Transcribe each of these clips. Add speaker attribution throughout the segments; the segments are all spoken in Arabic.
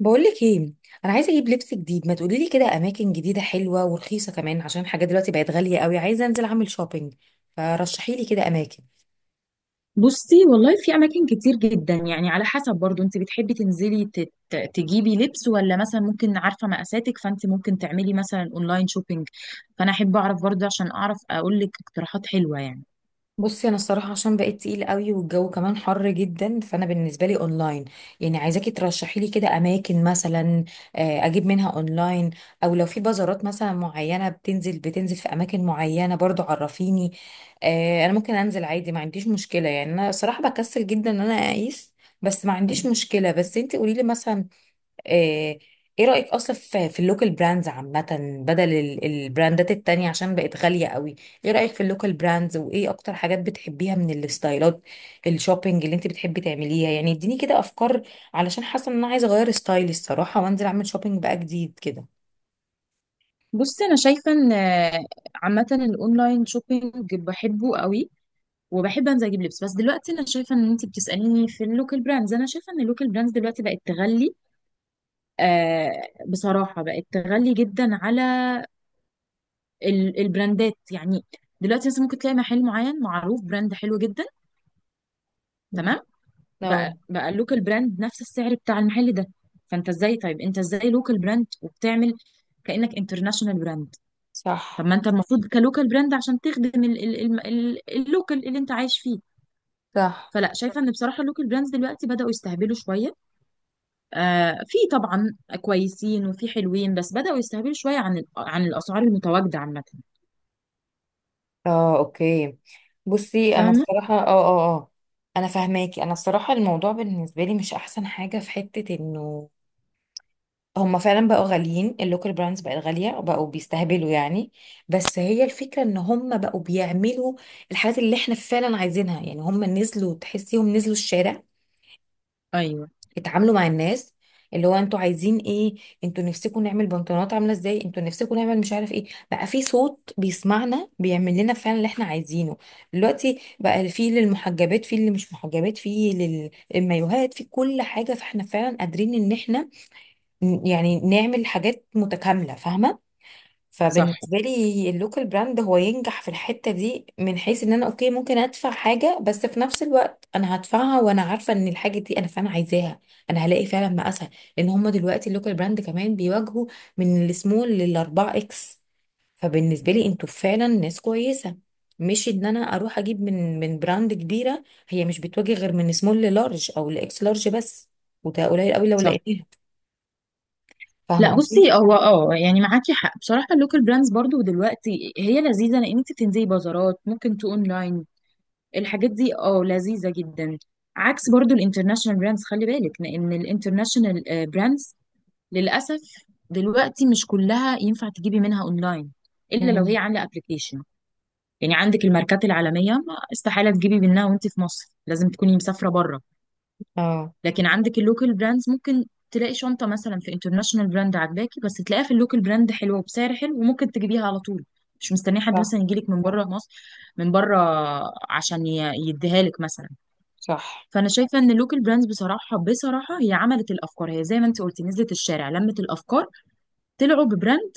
Speaker 1: بقولك ايه؟ انا عايزه اجيب لبس جديد، ما تقولي لي كده اماكن جديده حلوه ورخيصه كمان، عشان الحاجات دلوقتي بقت غاليه قوي. عايزه انزل اعمل شوبينج. فرشحي لي كده اماكن.
Speaker 2: بصي، والله في اماكن كتير جدا. يعني على حسب برضو، انت بتحبي تنزلي تجيبي لبس، ولا مثلا ممكن؟ عارفه مقاساتك، فانت ممكن تعملي مثلا اونلاين شوبينج. فانا احب اعرف برضو عشان اعرف اقول لك اقتراحات حلوه يعني.
Speaker 1: بصي، انا الصراحه عشان بقيت تقيل قوي والجو كمان حر جدا، فانا بالنسبه لي اونلاين. يعني عايزاكي ترشحي لي كده اماكن مثلا. آه، اجيب منها اونلاين. او لو في بازارات مثلا معينه بتنزل في اماكن معينه برضو، عرفيني. آه، انا ممكن انزل عادي، ما عنديش مشكله، يعني انا صراحه بكسل جدا ان انا اقيس. بس ما عنديش مشكله، بس انت قولي لي مثلا. آه. ايه رأيك اصلا في اللوكال براندز عامة؟ بدل البراندات التانية عشان بقت غالية قوي. ايه رأيك في اللوكال براندز، وايه اكتر حاجات بتحبيها من الستايلات؟ الشوبينج اللي انت بتحبي تعمليها، يعني اديني كده افكار. علشان حاسة ان انا عايزة اغير ستايلي الصراحة، وانزل اعمل شوبينج بقى جديد كده.
Speaker 2: بصي، انا شايفه ان عامه الاونلاين شوبينج بحبه قوي، وبحب انزل اجيب لبس. بس دلوقتي انا شايفه ان انت بتساليني في اللوكال براندز، انا شايفه ان اللوكال براندز دلوقتي بقت تغلي. آه، بصراحه بقت تغلي جدا على البراندات يعني. دلوقتي مثلا ممكن تلاقي محل معين معروف براند حلو جدا، تمام؟ بقى
Speaker 1: اه،
Speaker 2: اللوكال براند نفس السعر بتاع المحل ده. فانت ازاي؟ طيب انت ازاي لوكال براند وبتعمل كأنك انترناشونال براند؟ طب
Speaker 1: صح،
Speaker 2: ما انت المفروض كلوكال براند عشان تخدم اللوكال اللي انت عايش فيه.
Speaker 1: صح،
Speaker 2: فلا، شايفه ان بصراحه اللوكال براندز دلوقتي بداوا يستهبلوا شويه. آه، في طبعا كويسين وفي حلوين، بس بداوا يستهبلوا شويه عن عن الاسعار المتواجده عامه.
Speaker 1: اه، اوكي. بصي انا
Speaker 2: فاهمه.
Speaker 1: الصراحه، اه، اه، اه. انا فاهماكي، انا الصراحه الموضوع بالنسبه لي، مش احسن حاجه في حته انه هما فعلا بقوا غاليين، اللوكال براندز بقت غالية وبقوا بيستهبلوا يعني. بس هي الفكرة ان هما بقوا بيعملوا الحاجات اللي احنا فعلا عايزينها، يعني هما نزلوا تحسيهم نزلوا الشارع،
Speaker 2: ايوه.
Speaker 1: اتعاملوا مع الناس، اللي هو انتوا عايزين ايه، انتوا نفسكم نعمل بنطلونات عاملة ازاي، انتوا نفسكم نعمل مش عارف ايه. بقى في صوت بيسمعنا، بيعمل لنا فعلا اللي احنا عايزينه. دلوقتي بقى في للمحجبات، في اللي مش محجبات، في للمايوهات، في كل حاجة، فاحنا فعلا قادرين ان احنا يعني نعمل حاجات متكاملة، فاهمة؟
Speaker 2: صح.
Speaker 1: فبالنسبة لي اللوكال براند هو ينجح في الحتة دي، من حيث ان انا اوكي ممكن ادفع حاجة، بس في نفس الوقت انا هدفعها وانا عارفة ان الحاجة دي انا فعلا عايزاها. انا هلاقي فعلا مقاسها. لان هما دلوقتي اللوكال براند كمان بيواجهوا من السمول للاربعة اكس. فبالنسبة لي انتوا فعلا ناس كويسة. مش ان انا اروح اجيب من براند كبيرة. هي مش بتواجه غير من سمول للارج او لاكس لارج بس. وده قليل قوي لو
Speaker 2: صح.
Speaker 1: لقيتها. فاهمة
Speaker 2: لا،
Speaker 1: قصدي؟
Speaker 2: بصي، هو اه يعني معاكي حق. بصراحه اللوكال براندز برضو دلوقتي هي لذيذه، لان انت بتنزلي بازارات، ممكن تو اونلاين. الحاجات دي اه لذيذه جدا. عكس برضو الانترناشونال براندز، خلي بالك، لان الانترناشونال براندز للاسف دلوقتي مش كلها ينفع تجيبي منها اونلاين، الا لو هي عامله ابلكيشن. يعني عندك الماركات العالميه، ما استحاله تجيبي منها وانت في مصر، لازم تكوني مسافره بره.
Speaker 1: اه،
Speaker 2: لكن عندك اللوكال براندز ممكن تلاقي شنطة مثلا في انترناشونال براند عاجباكي، بس تلاقيها في اللوكال براند حلوة وبسعر حلو، وممكن تجيبيها على طول، مش مستنيه حد
Speaker 1: صح،
Speaker 2: مثلا يجيلك من بره مصر، من بره، عشان يديها لك مثلا.
Speaker 1: صح،
Speaker 2: فانا شايفه ان اللوكال براندز، بصراحه، هي عملت الافكار. هي زي ما انت قلتي نزلت الشارع، لمت الافكار، طلعوا ببراند.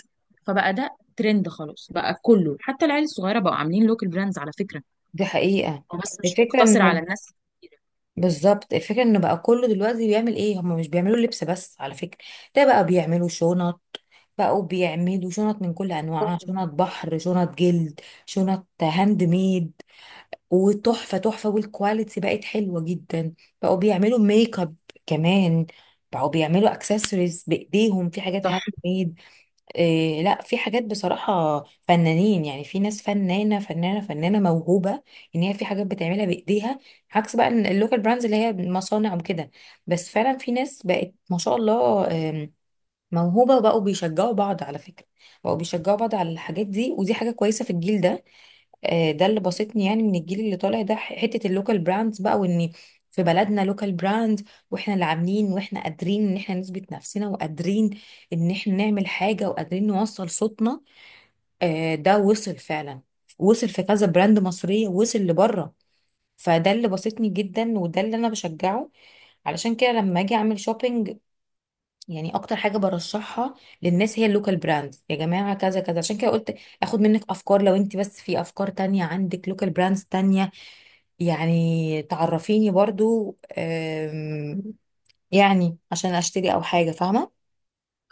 Speaker 2: فبقى ده ترند خلاص، بقى كله حتى العيال الصغيره بقوا عاملين لوكال براندز على فكره.
Speaker 1: دي حقيقة.
Speaker 2: هو بس مش
Speaker 1: الفكرة
Speaker 2: مقتصر على
Speaker 1: انه
Speaker 2: الناس الكبيرة.
Speaker 1: بالظبط، الفكرة انه بقى كله دلوقتي بيعمل ايه، هم مش بيعملوا لبس بس على فكرة. ده بقى بيعملوا شنط، بقوا بيعملوا شنط من كل انواعها، شنط بحر، شنط جلد، شنط هاند ميد، وتحفة تحفة، والكواليتي بقت حلوة جدا. بقوا بيعملوا ميك اب كمان، بقوا بيعملوا اكسسوارز بايديهم، في حاجات هاند
Speaker 2: صح.
Speaker 1: ميد. إيه لا، في حاجات بصراحة، فنانين، يعني في ناس فنانة فنانة فنانة موهوبة، ان هي في حاجات بتعملها بايديها، عكس بقى اللوكال براندز اللي هي مصانع وكده. بس فعلا في ناس بقت ما شاء الله موهوبة، وبقوا بيشجعوا بعض على فكرة. بقوا بيشجعوا بعض على الحاجات دي، ودي حاجة كويسة في الجيل ده. ده اللي بسطني يعني من الجيل اللي طالع ده، حته اللوكال براندز بقى، وان في بلدنا لوكال براند، واحنا اللي عاملين، واحنا قادرين ان احنا نثبت نفسنا، وقادرين ان احنا نعمل حاجه، وقادرين نوصل صوتنا. ده وصل فعلا، وصل في كذا براند مصريه، وصل لبره. فده اللي بسطني جدا، وده اللي انا بشجعه. علشان كده لما اجي اعمل شوبينج، يعني اكتر حاجه برشحها للناس هي اللوكال براندز، يا جماعه، كذا كذا. عشان كده قلت اخد منك افكار، لو انت بس في افكار تانية عندك لوكال براندز تانية، يعني تعرفيني برضو يعني عشان اشتري او حاجة، فاهمة؟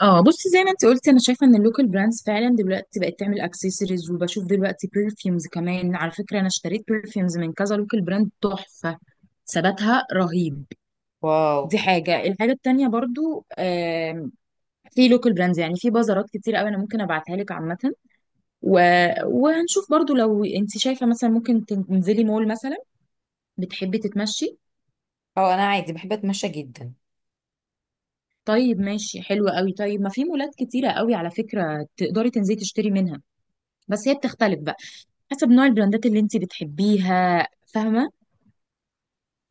Speaker 2: اه، بصي زي ما انت قلتي، انا شايفه ان اللوكال براندز فعلا دلوقتي بقت تعمل اكسسوارز، وبشوف دلوقتي برفيومز كمان على فكره. انا اشتريت برفيومز من كذا لوكال براند، تحفه، ثباتها رهيب.
Speaker 1: واو.
Speaker 2: دي حاجه. الحاجه التانيه برضو في لوكال براندز، يعني في بازارات كتير قوي انا ممكن ابعتها لك عامه. و... وهنشوف برضو لو انت شايفه. مثلا ممكن تنزلي مول مثلا، بتحبي تتمشي؟
Speaker 1: اه، انا عادي بحب اتمشى جدا.
Speaker 2: طيب ماشي، حلو قوي. طيب ما في مولات كتيره قوي على فكره، تقدري تنزلي تشتري منها. بس هي بتختلف بقى حسب نوع البراندات اللي انت بتحبيها، فاهمه؟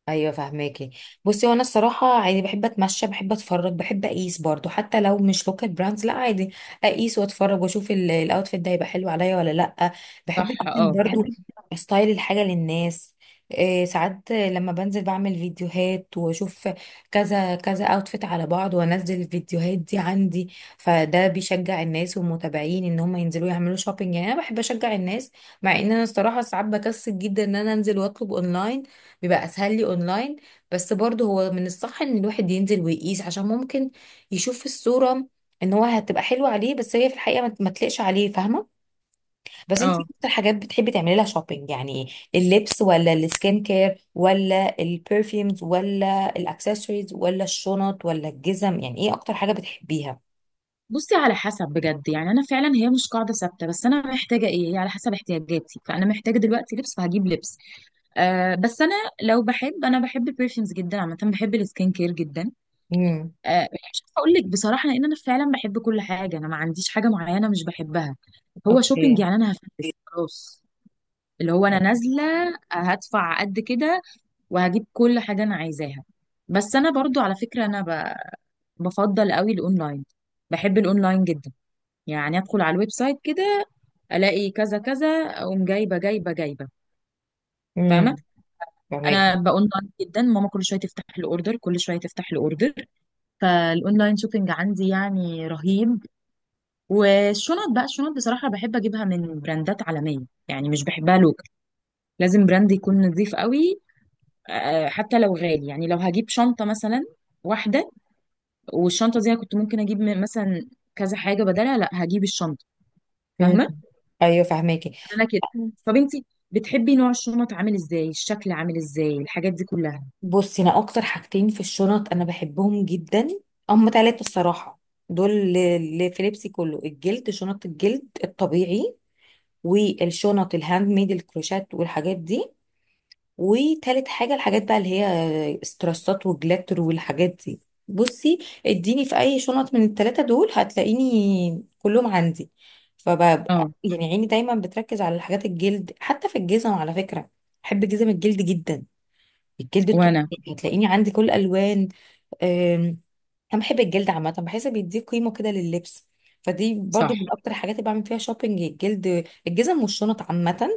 Speaker 1: ايوه فهماكي. بصي وانا الصراحه عادي بحب اتمشى، بحب اتفرج، بحب اقيس برضو، حتى لو مش لوكال براندز، لا عادي اقيس واتفرج واشوف الاوتفيت ده هيبقى حلو عليا ولا لا. بحب
Speaker 2: صح.
Speaker 1: جدا
Speaker 2: اه.
Speaker 1: برضو استايل الحاجه للناس. إيه ساعات لما بنزل بعمل فيديوهات، واشوف كذا كذا اوتفيت على بعض، وانزل الفيديوهات دي عندي. فده بيشجع الناس والمتابعين ان هم ينزلوا يعملوا شوبينج، يعني انا بحب اشجع الناس. مع ان انا الصراحه ساعات بكسل جدا ان انا انزل واطلب اونلاين. بيبقى اسهل لي اونلاين. بس برضه هو من الصح ان الواحد ينزل ويقيس، عشان ممكن يشوف في الصورة ان هو هتبقى حلوة عليه بس هي في الحقيقة ما تليقش عليه، فاهمة؟ بس انتي
Speaker 2: اه،
Speaker 1: إيه اكتر حاجات بتحبي تعملي لها شوبينج؟ يعني اللبس ولا السكين كير ولا البرفيومز ولا الاكسسوارز ولا الشنط ولا الجزم؟ يعني ايه اكتر حاجة بتحبيها؟
Speaker 2: بصي على حسب بجد، يعني انا فعلا هي مش قاعده ثابته. بس انا محتاجه ايه، هي على حسب احتياجاتي. فانا محتاجه دلوقتي لبس، فهجيب لبس. آه، بس انا لو بحب، انا بحب البرفيومز جدا عامه، بحب السكين كير جدا.
Speaker 1: امم،
Speaker 2: آه، مش عارفه اقول لك بصراحه، لان انا فعلا بحب كل حاجه، انا ما عنديش حاجه معينه مش بحبها. هو شوبينج
Speaker 1: اوكي.
Speaker 2: يعني، انا هفلس خلاص. اللي هو انا نازله، هدفع قد كده، وهجيب كل حاجة أنا عايزاها. بس أنا برضو على فكرة، أنا بفضل قوي الأونلاين، بحب الأونلاين جدا. يعني أدخل على الويب سايت كده، ألاقي كذا كذا، أقوم جايبة جايبة جايبة. فاهمة.
Speaker 1: امم، فهماكي.
Speaker 2: أنا بأونلاين جدا، ماما كل شوية تفتح الأوردر، كل شوية تفتح الأوردر. فالأونلاين شوبينج عندي يعني رهيب. والشنط بقى، الشنط بصراحة بحب أجيبها من براندات عالمية، يعني مش بحبها لوكال. لازم براند يكون نظيف قوي، آه، حتى لو غالي. يعني لو هجيب شنطة مثلا واحدة، والشنطه دي انا كنت ممكن اجيب مثلا كذا حاجه بدلها، لا، هجيب الشنطه.
Speaker 1: امم،
Speaker 2: فاهمه.
Speaker 1: ايوه، فهماكي.
Speaker 2: انا كده. طب انت بتحبي نوع الشنط عامل ازاي، الشكل عامل ازاي، الحاجات دي كلها؟
Speaker 1: بصي انا اكتر حاجتين في الشنط انا بحبهم جدا، هم ثلاثه الصراحه، دول اللي في لبسي كله الجلد، شنط الجلد الطبيعي، والشنط الهاند ميد الكروشات والحاجات دي، وتالت حاجه الحاجات بقى، اللي هي استرسات وجلاتر والحاجات دي. بصي، اديني في اي شنط من الثلاثه دول هتلاقيني كلهم عندي. فببقى
Speaker 2: اه.
Speaker 1: يعني عيني دايما بتركز على الحاجات الجلد، حتى في الجزم على فكره. بحب جزم الجلد جدا. الجلد
Speaker 2: وانا.
Speaker 1: الطبيعي هتلاقيني عندي كل الالوان. أم، انا بحب الجلد عامه، بحس بيديه قيمه كده لللبس. فدي
Speaker 2: صح.
Speaker 1: برضو من اكتر الحاجات اللي بعمل فيها شوبينج، الجلد، الجزم والشنط عامه.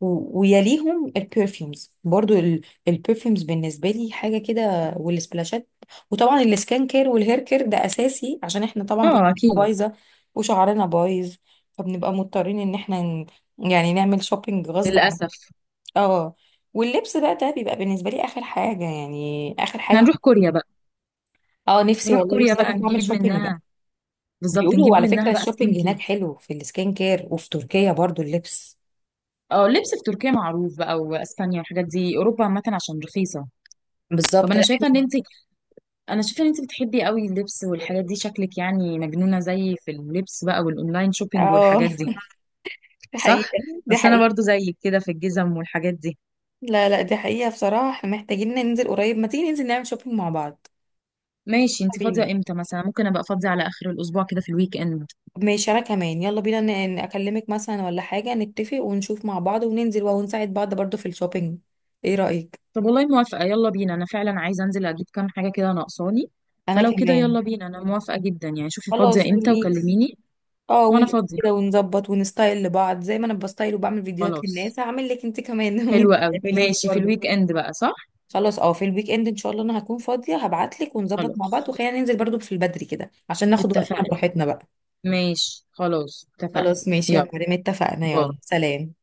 Speaker 1: ويليهم البرفيومز برضو البرفيومز بالنسبه لي حاجه كده، والسبلاشات. وطبعا السكان كير والهير كير ده اساسي، عشان احنا طبعا
Speaker 2: اه،
Speaker 1: بشرتنا
Speaker 2: اكيد.
Speaker 1: بايظه وشعرنا بايظ، فبنبقى مضطرين ان احنا يعني نعمل شوبينج غصب عننا.
Speaker 2: للاسف.
Speaker 1: اه. واللبس بقى ده بيبقى بالنسبه لي اخر حاجه، يعني اخر
Speaker 2: إحنا
Speaker 1: حاجه.
Speaker 2: هنروح كوريا بقى.
Speaker 1: اه، نفسي
Speaker 2: نروح
Speaker 1: والله،
Speaker 2: كوريا
Speaker 1: لسه
Speaker 2: بقى
Speaker 1: اروح اعمل
Speaker 2: نجيب
Speaker 1: شوبينج بقى.
Speaker 2: منها، بالظبط.
Speaker 1: بيقولوا
Speaker 2: نجيب
Speaker 1: على فكره
Speaker 2: منها بقى سكين
Speaker 1: الشوبينج هناك
Speaker 2: كير.
Speaker 1: حلو في السكين كير، وفي تركيا برضو اللبس.
Speaker 2: اه، اللبس في تركيا معروف بقى، واسبانيا والحاجات دي، اوروبا عامه عشان رخيصه. طب
Speaker 1: بالظبط،
Speaker 2: انا
Speaker 1: لا.
Speaker 2: شايفه ان انت، انا شايفه ان انت بتحبي قوي اللبس والحاجات دي، شكلك يعني مجنونه زي في اللبس بقى، والاونلاين شوبينج
Speaker 1: اه،
Speaker 2: والحاجات دي.
Speaker 1: دي
Speaker 2: صح.
Speaker 1: حقيقه. دي
Speaker 2: بس انا
Speaker 1: حقيقه.
Speaker 2: برضو زيك كده في الجزم والحاجات دي.
Speaker 1: لا، لا، دي حقيقه بصراحه، احنا محتاجين ننزل قريب، ما تيجي ننزل نعمل شوبينج مع بعض.
Speaker 2: ماشي،
Speaker 1: يلا
Speaker 2: انت فاضيه
Speaker 1: بينا.
Speaker 2: امتى؟ مثلا ممكن ابقى فاضيه على اخر الاسبوع كده في الويك اند.
Speaker 1: ماشي انا كمان، يلا بينا اكلمك مثلا ولا حاجه، نتفق ونشوف مع بعض وننزل ونساعد بعض برضو في الشوبينج. ايه رايك؟
Speaker 2: طب والله موافقه، يلا بينا. انا فعلا عايزه انزل اجيب كام حاجه كده ناقصاني.
Speaker 1: انا
Speaker 2: فلو كده
Speaker 1: كمان.
Speaker 2: يلا بينا، انا موافقه جدا. يعني شوفي
Speaker 1: خلاص
Speaker 2: فاضيه امتى
Speaker 1: ونقيس.
Speaker 2: وكلميني.
Speaker 1: اه،
Speaker 2: وانا
Speaker 1: ونقيس
Speaker 2: فاضيه.
Speaker 1: كده ونظبط ونستايل لبعض زي ما انا بستايل وبعمل فيديوهات
Speaker 2: خلاص،
Speaker 1: للناس، هعمل لك انت كمان وانت
Speaker 2: حلوه قوي.
Speaker 1: تعملي لي
Speaker 2: ماشي، في
Speaker 1: برضه.
Speaker 2: الويك اند بقى، صح؟
Speaker 1: خلاص، اه، في الويك اند ان شاء الله انا هكون فاضيه، هبعت لك ونظبط مع
Speaker 2: خلاص
Speaker 1: بعض، وخلينا ننزل برضه في البدري كده عشان ناخد وقتنا
Speaker 2: اتفقنا.
Speaker 1: براحتنا بقى.
Speaker 2: ماشي خلاص اتفقنا.
Speaker 1: خلاص ماشي يا
Speaker 2: يلا،
Speaker 1: مريم اتفقنا،
Speaker 2: باي.
Speaker 1: يلا سلام.